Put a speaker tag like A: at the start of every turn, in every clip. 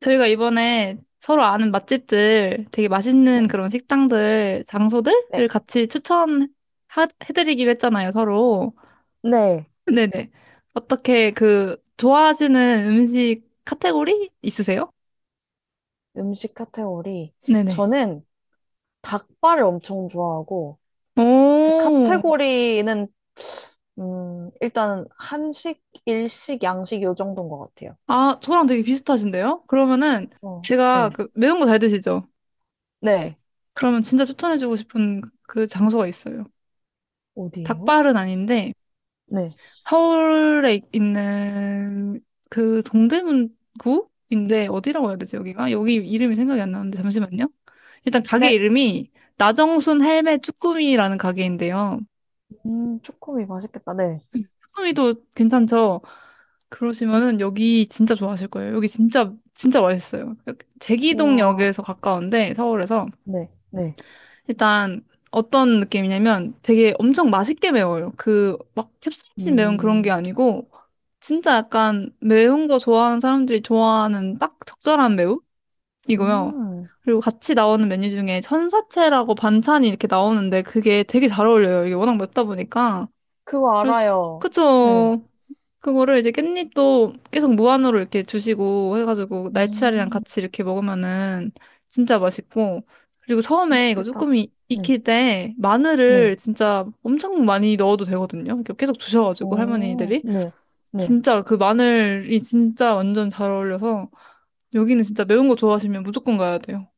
A: 저희가 이번에 서로 아는 맛집들, 되게 맛있는
B: 네.
A: 그런 식당들, 장소들을
B: 네.
A: 같이 추천해드리기로 했잖아요, 서로.
B: 네.
A: 네네. 어떻게 좋아하시는 음식 카테고리 있으세요?
B: 음식 카테고리.
A: 네네.
B: 저는 닭발을 엄청 좋아하고, 그
A: 오,
B: 카테고리는, 일단 한식, 일식, 양식 요 정도인 것 같아요.
A: 아, 저랑 되게 비슷하신데요? 그러면은
B: 어,
A: 제가
B: 네.
A: 그 매운 거 잘 드시죠?
B: 네.
A: 그러면 진짜 추천해주고 싶은 그 장소가 있어요.
B: 어디예요?
A: 닭발은 아닌데,
B: 네.
A: 서울에 있는 그 동대문구인데 어디라고 해야 되지 여기가? 여기 이름이 생각이 안 나는데 잠시만요. 일단 가게
B: 네.
A: 이름이 나정순 헬메 쭈꾸미라는 가게인데요.
B: 쭈꾸미 맛있겠다. 네.
A: 쭈꾸미도 괜찮죠? 그러시면은 여기 진짜 좋아하실 거예요. 여기 진짜 진짜 맛있어요. 여기
B: 우와.
A: 제기동역에서 가까운데 서울에서
B: 네. 네.
A: 일단 어떤 느낌이냐면 되게 엄청 맛있게 매워요. 그 막 캡사이신 매운 그런 게
B: 음,
A: 아니고 진짜 약간 매운 거 좋아하는 사람들이 좋아하는 딱 적절한 매움이고요.
B: 음.
A: 그리고 같이 나오는 메뉴 중에 천사채라고 반찬이 이렇게 나오는데 그게 되게 잘 어울려요. 이게 워낙 맵다 보니까.
B: 그거
A: 그래서
B: 알아요. 네.
A: 그쵸. 그거를 이제 깻잎도 계속 무한으로 이렇게 주시고 해가지고 날치알이랑
B: 음,
A: 같이 이렇게 먹으면은 진짜 맛있고. 그리고 처음에 이거
B: 전국이다.
A: 쭈꾸미
B: 네.
A: 익힐 때
B: 네.
A: 마늘을 진짜 엄청 많이 넣어도 되거든요. 이렇게 계속 주셔가지고
B: 오,
A: 할머니들이
B: 네. 네.
A: 진짜 그 마늘이 진짜 완전 잘 어울려서 여기는 진짜 매운 거 좋아하시면 무조건 가야 돼요.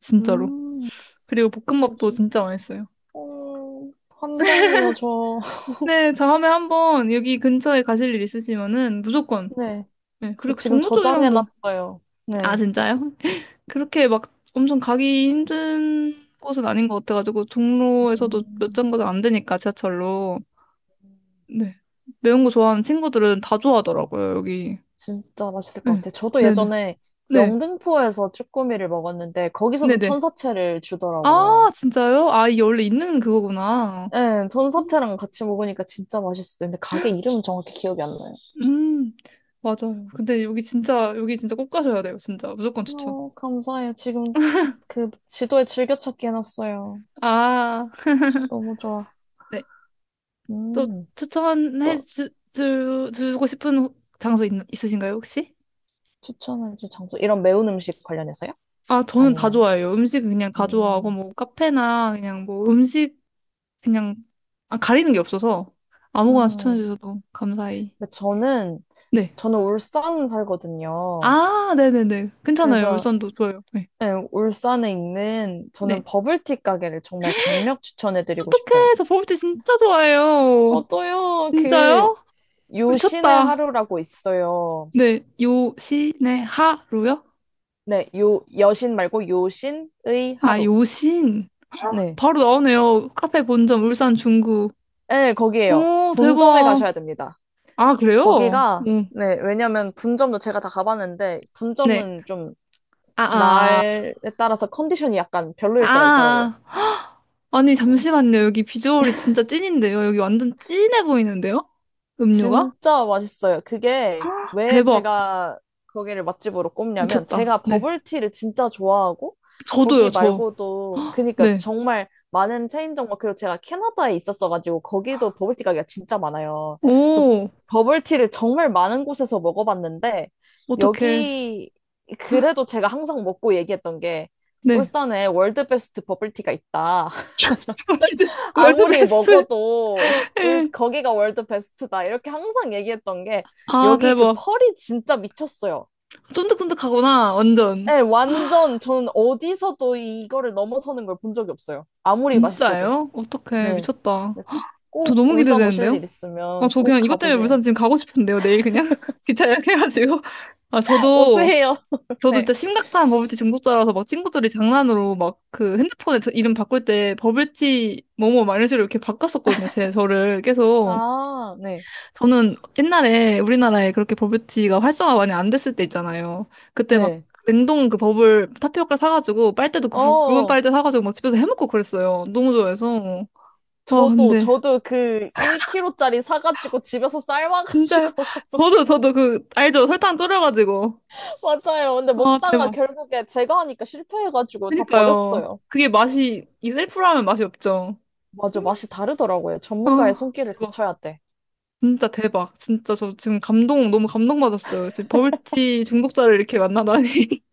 A: 진짜로.
B: 음,
A: 그리고 볶음밥도
B: 뭐지?
A: 진짜 맛있어요.
B: 환장해요, 저.
A: 네, 다음에 한번 여기 근처에 가실 일 있으시면은 무조건.
B: 네.
A: 네,
B: 저
A: 그리고
B: 지금
A: 종로 쪽이랑도.
B: 저장해놨어요.
A: 아,
B: 네.
A: 진짜요? 그렇게 막 엄청 가기 힘든 곳은 아닌 것 같아가지고 종로에서도 몇
B: 음.
A: 정거장 안 되니까 지하철로. 네. 매운 거 좋아하는 친구들은 다 좋아하더라고요, 여기.
B: 진짜 맛있을 것
A: 네.
B: 같아요. 저도
A: 네네.
B: 예전에
A: 네.
B: 영등포에서 쭈꾸미를 먹었는데, 거기서도
A: 네네.
B: 천사채를
A: 아,
B: 주더라고요.
A: 진짜요? 아, 이게 원래 있는 그거구나.
B: 네,
A: 음.
B: 천사채랑 같이 먹으니까 진짜 맛있어요. 근데 가게 이름은 정확히 기억이 안 나요.
A: 음, 맞아요. 근데 여기 진짜 여기 진짜 꼭 가셔야 돼요. 진짜 무조건 추천.
B: 어, 감사해요. 지금 그 지도에 즐겨찾기 해놨어요.
A: 아네
B: 너무 좋아.
A: 또
B: 음,
A: 추천해
B: 또
A: 주고 싶은 장소 있으신가요 혹시?
B: 추천해줄 장소. 이런 매운 음식 관련해서요?
A: 아, 저는 다
B: 아니면,
A: 좋아해요. 음식은 그냥 다 좋아하고,
B: 음,
A: 뭐, 카페나 음식, 그냥, 아, 가리는 게 없어서 아무거나 추천해
B: 음.
A: 주셔도 감사히.
B: 근데 저는,
A: 네.
B: 저는 울산 살거든요.
A: 아, 네네네. 괜찮아요.
B: 그래서,
A: 울산도 좋아요. 네.
B: 네, 울산에 있는, 저는
A: 네.
B: 버블티 가게를 정말 강력 추천해드리고 싶어요.
A: 어떡해. 저 버블티 진짜 좋아해요.
B: 저도요,
A: 진짜요?
B: 요신의
A: 미쳤다.
B: 하루라고 있어요.
A: 네. 요신의 하루요?
B: 네, 여신 말고 요신의
A: 아,
B: 하루.
A: 요신.
B: 네.
A: 바로 나오네요. 카페 본점 울산 중구.
B: 네, 거기에요.
A: 오,
B: 본점에
A: 대박.
B: 가셔야 됩니다.
A: 아, 그래요?
B: 거기가,
A: 응.
B: 네, 왜냐면 분점도 제가 다 가봤는데,
A: 네.
B: 분점은 좀
A: 아, 아.
B: 날에 따라서 컨디션이 약간 별로일 때가 있더라고요.
A: 아, 아. 아니, 잠시만요. 여기 비주얼이 진짜 찐인데요. 여기 완전 찐해 보이는데요? 음료가?
B: 진짜 맛있어요. 그게 왜
A: 대박.
B: 제가 거기를 맛집으로 꼽냐면
A: 미쳤다.
B: 제가
A: 네.
B: 버블티를 진짜 좋아하고 거기
A: 저도요, 저.
B: 말고도 그니까
A: 네.
B: 정말 많은 체인점 그리고 제가 캐나다에 있었어가지고 거기도 버블티 가게가 진짜 많아요. 그래서
A: 오.
B: 버블티를 정말 많은 곳에서 먹어봤는데
A: 어떡해.
B: 여기 그래도 제가 항상 먹고 얘기했던 게
A: 네.
B: 울산에 월드 베스트 버블티가 있다.
A: 월드, 월드
B: 아무리
A: 베스트.
B: 먹어도
A: 예.
B: 거기가 월드 베스트다. 이렇게 항상 얘기했던 게
A: 아,
B: 여기 그
A: 대박.
B: 펄이 진짜 미쳤어요.
A: 쫀득쫀득하구나. 완전.
B: 네, 완전 저는 어디서도 이거를 넘어서는 걸 본 적이 없어요. 아무리 맛있어도.
A: 진짜예요? 어떡해.
B: 네.
A: 미쳤다.
B: 네,
A: 저
B: 꼭
A: 너무
B: 울산 오실
A: 기대되는데요?
B: 일
A: 아,
B: 있으면
A: 저
B: 꼭
A: 그냥 이것 때문에
B: 가보세요.
A: 울산 지금 가고 싶은데요. 내일 그냥 기차 예약해가지고. 아, 저도.
B: 오세요.
A: 저도
B: 네.
A: 진짜 심각한 버블티 중독자라서 막 친구들이 장난으로 막 그 핸드폰에 저 이름 바꿀 때 버블티 뭐뭐 막 이런 식으로 이렇게 바꿨었거든요. 제 저를 계속.
B: 아, 네.
A: 저는 옛날에 우리나라에 그렇게 버블티가 활성화 많이 안 됐을 때 있잖아요. 그때 막
B: 네.
A: 냉동 그 버블 타피오카 사가지고 빨대도 굵은
B: 어,
A: 빨대 사가지고 막 집에서 해먹고 그랬어요. 너무 좋아해서. 와,
B: 저도,
A: 근데
B: 저도 그 1kg짜리 사가지고 집에서
A: 진짜
B: 삶아가지고
A: 저도 그 알죠? 설탕 졸여가지고.
B: 맞아요. 근데
A: 아,
B: 먹다가
A: 대박.
B: 결국에 제가 하니까 실패해가지고 다
A: 그니까요.
B: 버렸어요.
A: 그게 맛이 이 셀프라면 맛이 없죠.
B: 맞아, 맛이 다르더라고요. 전문가의
A: 아,
B: 손길을
A: 대박.
B: 거쳐야 돼.
A: 진짜 대박. 진짜 저 지금 너무 감동받았어요. 지금 버블티 중독자를 이렇게 만나다니.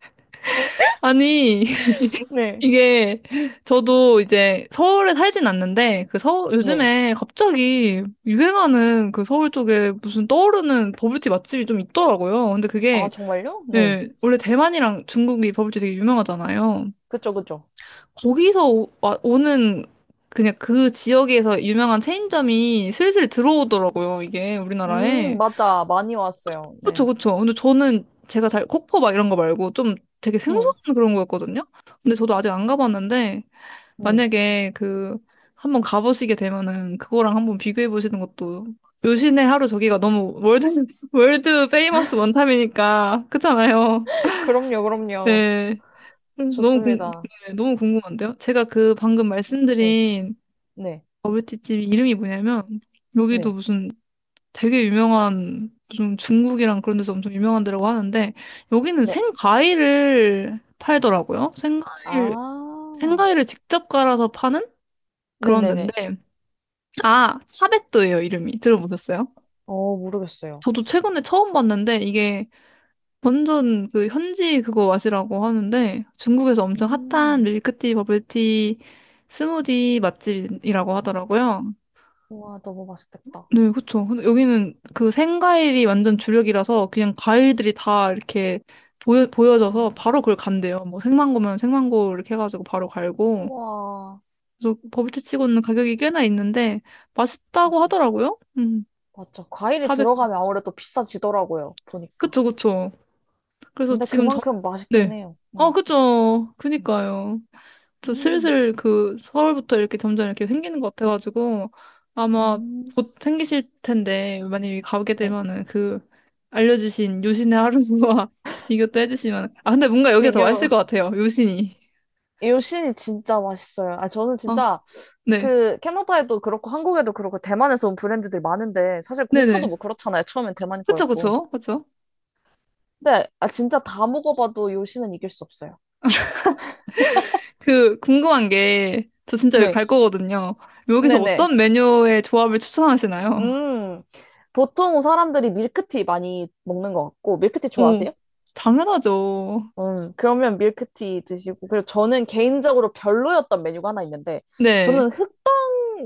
A: 아니,
B: 네.
A: 이게 저도 이제 서울에 살진 않는데 그 서
B: 네.
A: 요즘에 갑자기 유행하는 그 서울 쪽에 무슨 떠오르는 버블티 맛집이 좀 있더라고요. 근데
B: 아,
A: 그게,
B: 정말요? 네.
A: 예, 원래 대만이랑 중국이 버블티 되게 유명하잖아요.
B: 그쵸, 그쵸.
A: 오는 그냥 그 지역에서 유명한 체인점이 슬슬 들어오더라고요, 이게 우리나라에.
B: 맞아. 많이 왔어요.
A: 그쵸,
B: 네.
A: 그쵸. 근데 저는 제가 잘 코코 막 이런 거 말고 좀 되게 생소한
B: 응.
A: 그런 거였거든요. 근데 저도 아직 안 가봤는데
B: 네.
A: 만약에 그 한번 가보시게 되면은 그거랑 한번 비교해 보시는 것도. 요신의 하루 저기가 너무 월드 월드 페이머스 원탑이니까 그렇잖아요.
B: 그럼요, 그럼요.
A: 네. 음, 너무 궁,
B: 좋습니다.
A: 네, 너무 궁금한데요? 제가 그 방금
B: 네,
A: 말씀드린
B: 네,
A: 버블티집 이름이 뭐냐면 여기도
B: 네,
A: 무슨 되게 유명한 무슨 중국이랑 그런 데서 엄청 유명한 데라고 하는데 여기는
B: 네.
A: 생과일을 팔더라고요. 생과일,
B: 아,
A: 생과일을 직접 갈아서 파는 그런
B: 네네네.
A: 데인데 아, 차백도예요 이름이. 들어보셨어요?
B: 모르겠어요.
A: 저도 최근에 처음 봤는데 이게 완전 그 현지 그거 맛이라고 하는데 중국에서 엄청 핫한
B: 음,
A: 밀크티, 버블티, 스무디 맛집이라고 하더라고요.
B: 우와, 너무 맛있겠다.
A: 네, 그쵸. 근데 여기는 그 생과일이 완전 주력이라서 그냥 과일들이 다 이렇게
B: 우와,
A: 보여져서 바로 그걸 간대요. 뭐 생망고면 생망고 이렇게 해가지고 바로 갈고.
B: 우와.
A: 그래서 버블티 치고는 가격이 꽤나 있는데 맛있다고
B: 맞아.
A: 하더라고요.
B: 맞죠. 과일이
A: 사백.
B: 들어가면 아무래도 비싸지더라고요. 보니까.
A: 그쵸, 그쵸. 그래서
B: 근데 그만큼 맛있긴
A: 네.
B: 해요.
A: 어,
B: 음.
A: 그쵸. 그니까요. 저
B: 음,
A: 슬슬 그 서울부터 이렇게 점점 이렇게 생기는 것 같아가지고 아마
B: 음,
A: 곧 생기실 텐데 만약에 가게
B: 네.
A: 되면은 그 알려주신 요신의 하루와 비교도 해주시면. 아, 근데 뭔가 여기가 더 맛있을
B: 비교.
A: 것 같아요, 요신이.
B: 요신이 진짜 맛있어요. 아, 저는
A: 아,
B: 진짜
A: 네.
B: 그 캐나다에도 그렇고 한국에도 그렇고 대만에서 온 브랜드들이 많은데 사실 공차도
A: 네네.
B: 뭐 그렇잖아요. 처음엔 대만
A: 그쵸,
B: 거였고.
A: 그쵸, 그쵸.
B: 근데 아, 진짜 다 먹어봐도 요신은 이길 수 없어요.
A: 그 궁금한 게 저 진짜 여기
B: 네.
A: 갈 거거든요. 여기서
B: 네네.
A: 어떤 메뉴의 조합을 추천하시나요?
B: 음. 보통 사람들이 밀크티 많이 먹는 것 같고 밀크티
A: 오,
B: 좋아하세요?
A: 당연하죠.
B: 그러면 밀크티 드시고, 그리고 저는 개인적으로 별로였던 메뉴가 하나 있는데,
A: 네.
B: 저는 흑당,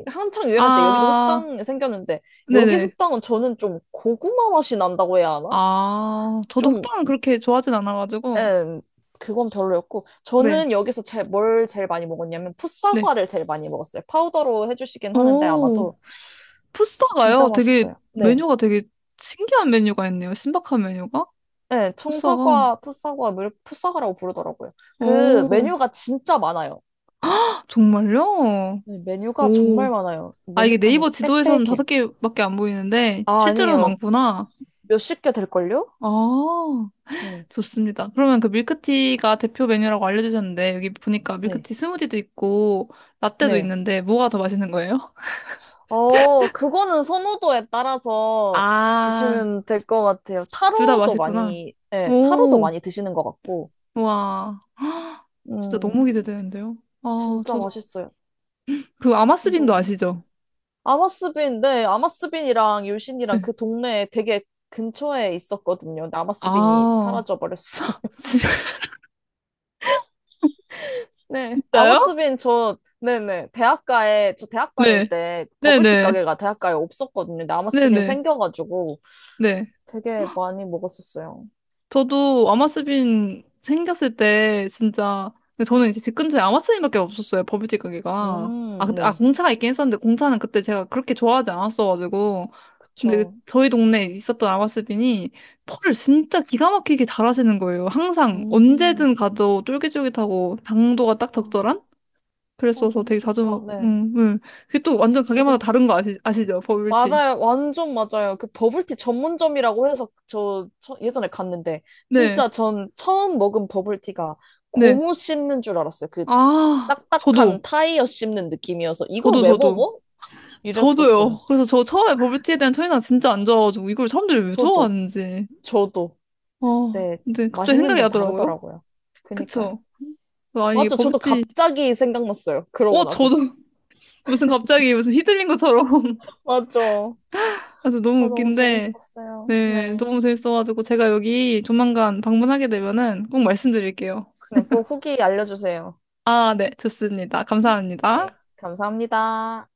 B: 한창 유행할 때 여기도
A: 아,
B: 흑당 생겼는데, 여기
A: 네네.
B: 흑당은 저는 좀 고구마 맛이 난다고 해야 하나?
A: 아, 저도
B: 좀,
A: 흑당은 그렇게 좋아하진 않아가지고.
B: 음, 그건 별로였고,
A: 네,
B: 저는 여기서 뭘 제일 많이 먹었냐면,
A: 네.
B: 풋사과를 제일 많이 먹었어요. 파우더로 해주시긴 하는데,
A: 오,
B: 아마도 진짜
A: 푸싸가요? 되게,
B: 맛있어요. 네.
A: 메뉴가 되게 신기한 메뉴가 있네요. 신박한 메뉴가?
B: 네,
A: 푸싸가.
B: 청사과, 풋사과, 풋사과라고 부르더라고요. 그
A: 오,
B: 메뉴가 진짜 많아요.
A: 헉, 정말요?
B: 네, 메뉴가 정말
A: 오.
B: 많아요.
A: 아, 이게
B: 메뉴판이
A: 네이버 지도에서는 다섯
B: 빽빽해요.
A: 개밖에 안 보이는데,
B: 아,
A: 실제로는
B: 아니에요.
A: 많구나.
B: 몇십 개 될걸요?
A: 아,
B: 네.
A: 좋습니다. 그러면 그 밀크티가 대표 메뉴라고 알려주셨는데, 여기 보니까
B: 네.
A: 밀크티 스무디도 있고, 라떼도
B: 네.
A: 있는데, 뭐가 더 맛있는 거예요?
B: 그거는 선호도에 따라서
A: 아,
B: 드시면 될 것 같아요.
A: 둘 다
B: 타로도
A: 맛있구나.
B: 많이, 네, 타로도
A: 오,
B: 많이 드시는 것 같고.
A: 와. 진짜
B: 음,
A: 너무 기대되는데요. 아,
B: 진짜
A: 저도.
B: 맛있어요.
A: 그 아마스빈도
B: 너무.
A: 아시죠?
B: 아마스빈, 네, 아마스빈이랑 유신이랑
A: 네.
B: 그 동네에 되게 근처에 있었거든요. 근데 아마스빈이
A: 아,
B: 사라져버렸어요. 네.
A: 진짜요?
B: 아머스빈 저 네네 대학가에 저 대학 다닐
A: 네.
B: 때 버블티
A: 네네.
B: 가게가 대학가에 없었거든요. 근데
A: 네네.
B: 아머스빈
A: 네.
B: 생겨가지고
A: 네. 네.
B: 되게 많이 먹었었어요.
A: 저도 아마스빈 생겼을 때 진짜. 근데 저는 이제 집 근처에 아마스빈밖에 없었어요. 버블티 가게가. 아, 그때, 아,
B: 네.
A: 공차가 있긴 했었는데 공차는 그때 제가 그렇게 좋아하지 않았어가지고. 근데 그
B: 그쵸.
A: 저희 동네에 있었던 아마스빈이 펄을 진짜 기가 막히게 잘 하시는 거예요. 항상
B: 음.
A: 언제든 가도 쫄깃쫄깃하고 당도가 딱
B: 아,
A: 적절한?
B: 아,
A: 그랬어서
B: 너무
A: 되게
B: 좋다.
A: 자주,
B: 네.
A: 그게 또
B: 저
A: 완전 가게마다
B: 지금
A: 다른 거 아시죠? 버블티.
B: 말아요. 완전 맞아요. 그 버블티 전문점이라고 해서 예전에 갔는데
A: 네,
B: 진짜 전 처음 먹은 버블티가
A: 네.
B: 고무 씹는 줄 알았어요. 그
A: 아,
B: 딱딱한 타이어 씹는 느낌이어서 이걸 왜
A: 저도.
B: 먹어? 이랬었어요.
A: 저도요. 그래서 저 처음에 버블티에 대한 첫인상 진짜 안 좋아가지고 이걸 사람들이 왜
B: 저도,
A: 좋아하는지.
B: 저도.
A: 어,
B: 네,
A: 근데 갑자기
B: 맛있는
A: 생각이
B: 데는
A: 나더라고요.
B: 다르더라고요. 그니까요.
A: 그쵸? 아니, 이게
B: 맞죠? 저도
A: 버블티.
B: 갑자기 생각났어요. 그러고
A: 어,
B: 나서.
A: 저도 무슨 갑자기 무슨 휘둘린 것처럼.
B: 맞죠.
A: 그래서 너무
B: 아, 너무
A: 웃긴데,
B: 재밌었어요.
A: 네,
B: 네.
A: 너무 재밌어가지고 제가 여기 조만간 방문하게 되면은 꼭 말씀드릴게요.
B: 네, 꼭 후기 알려주세요.
A: 아, 네, 좋습니다. 감사합니다.
B: 네, 감사합니다.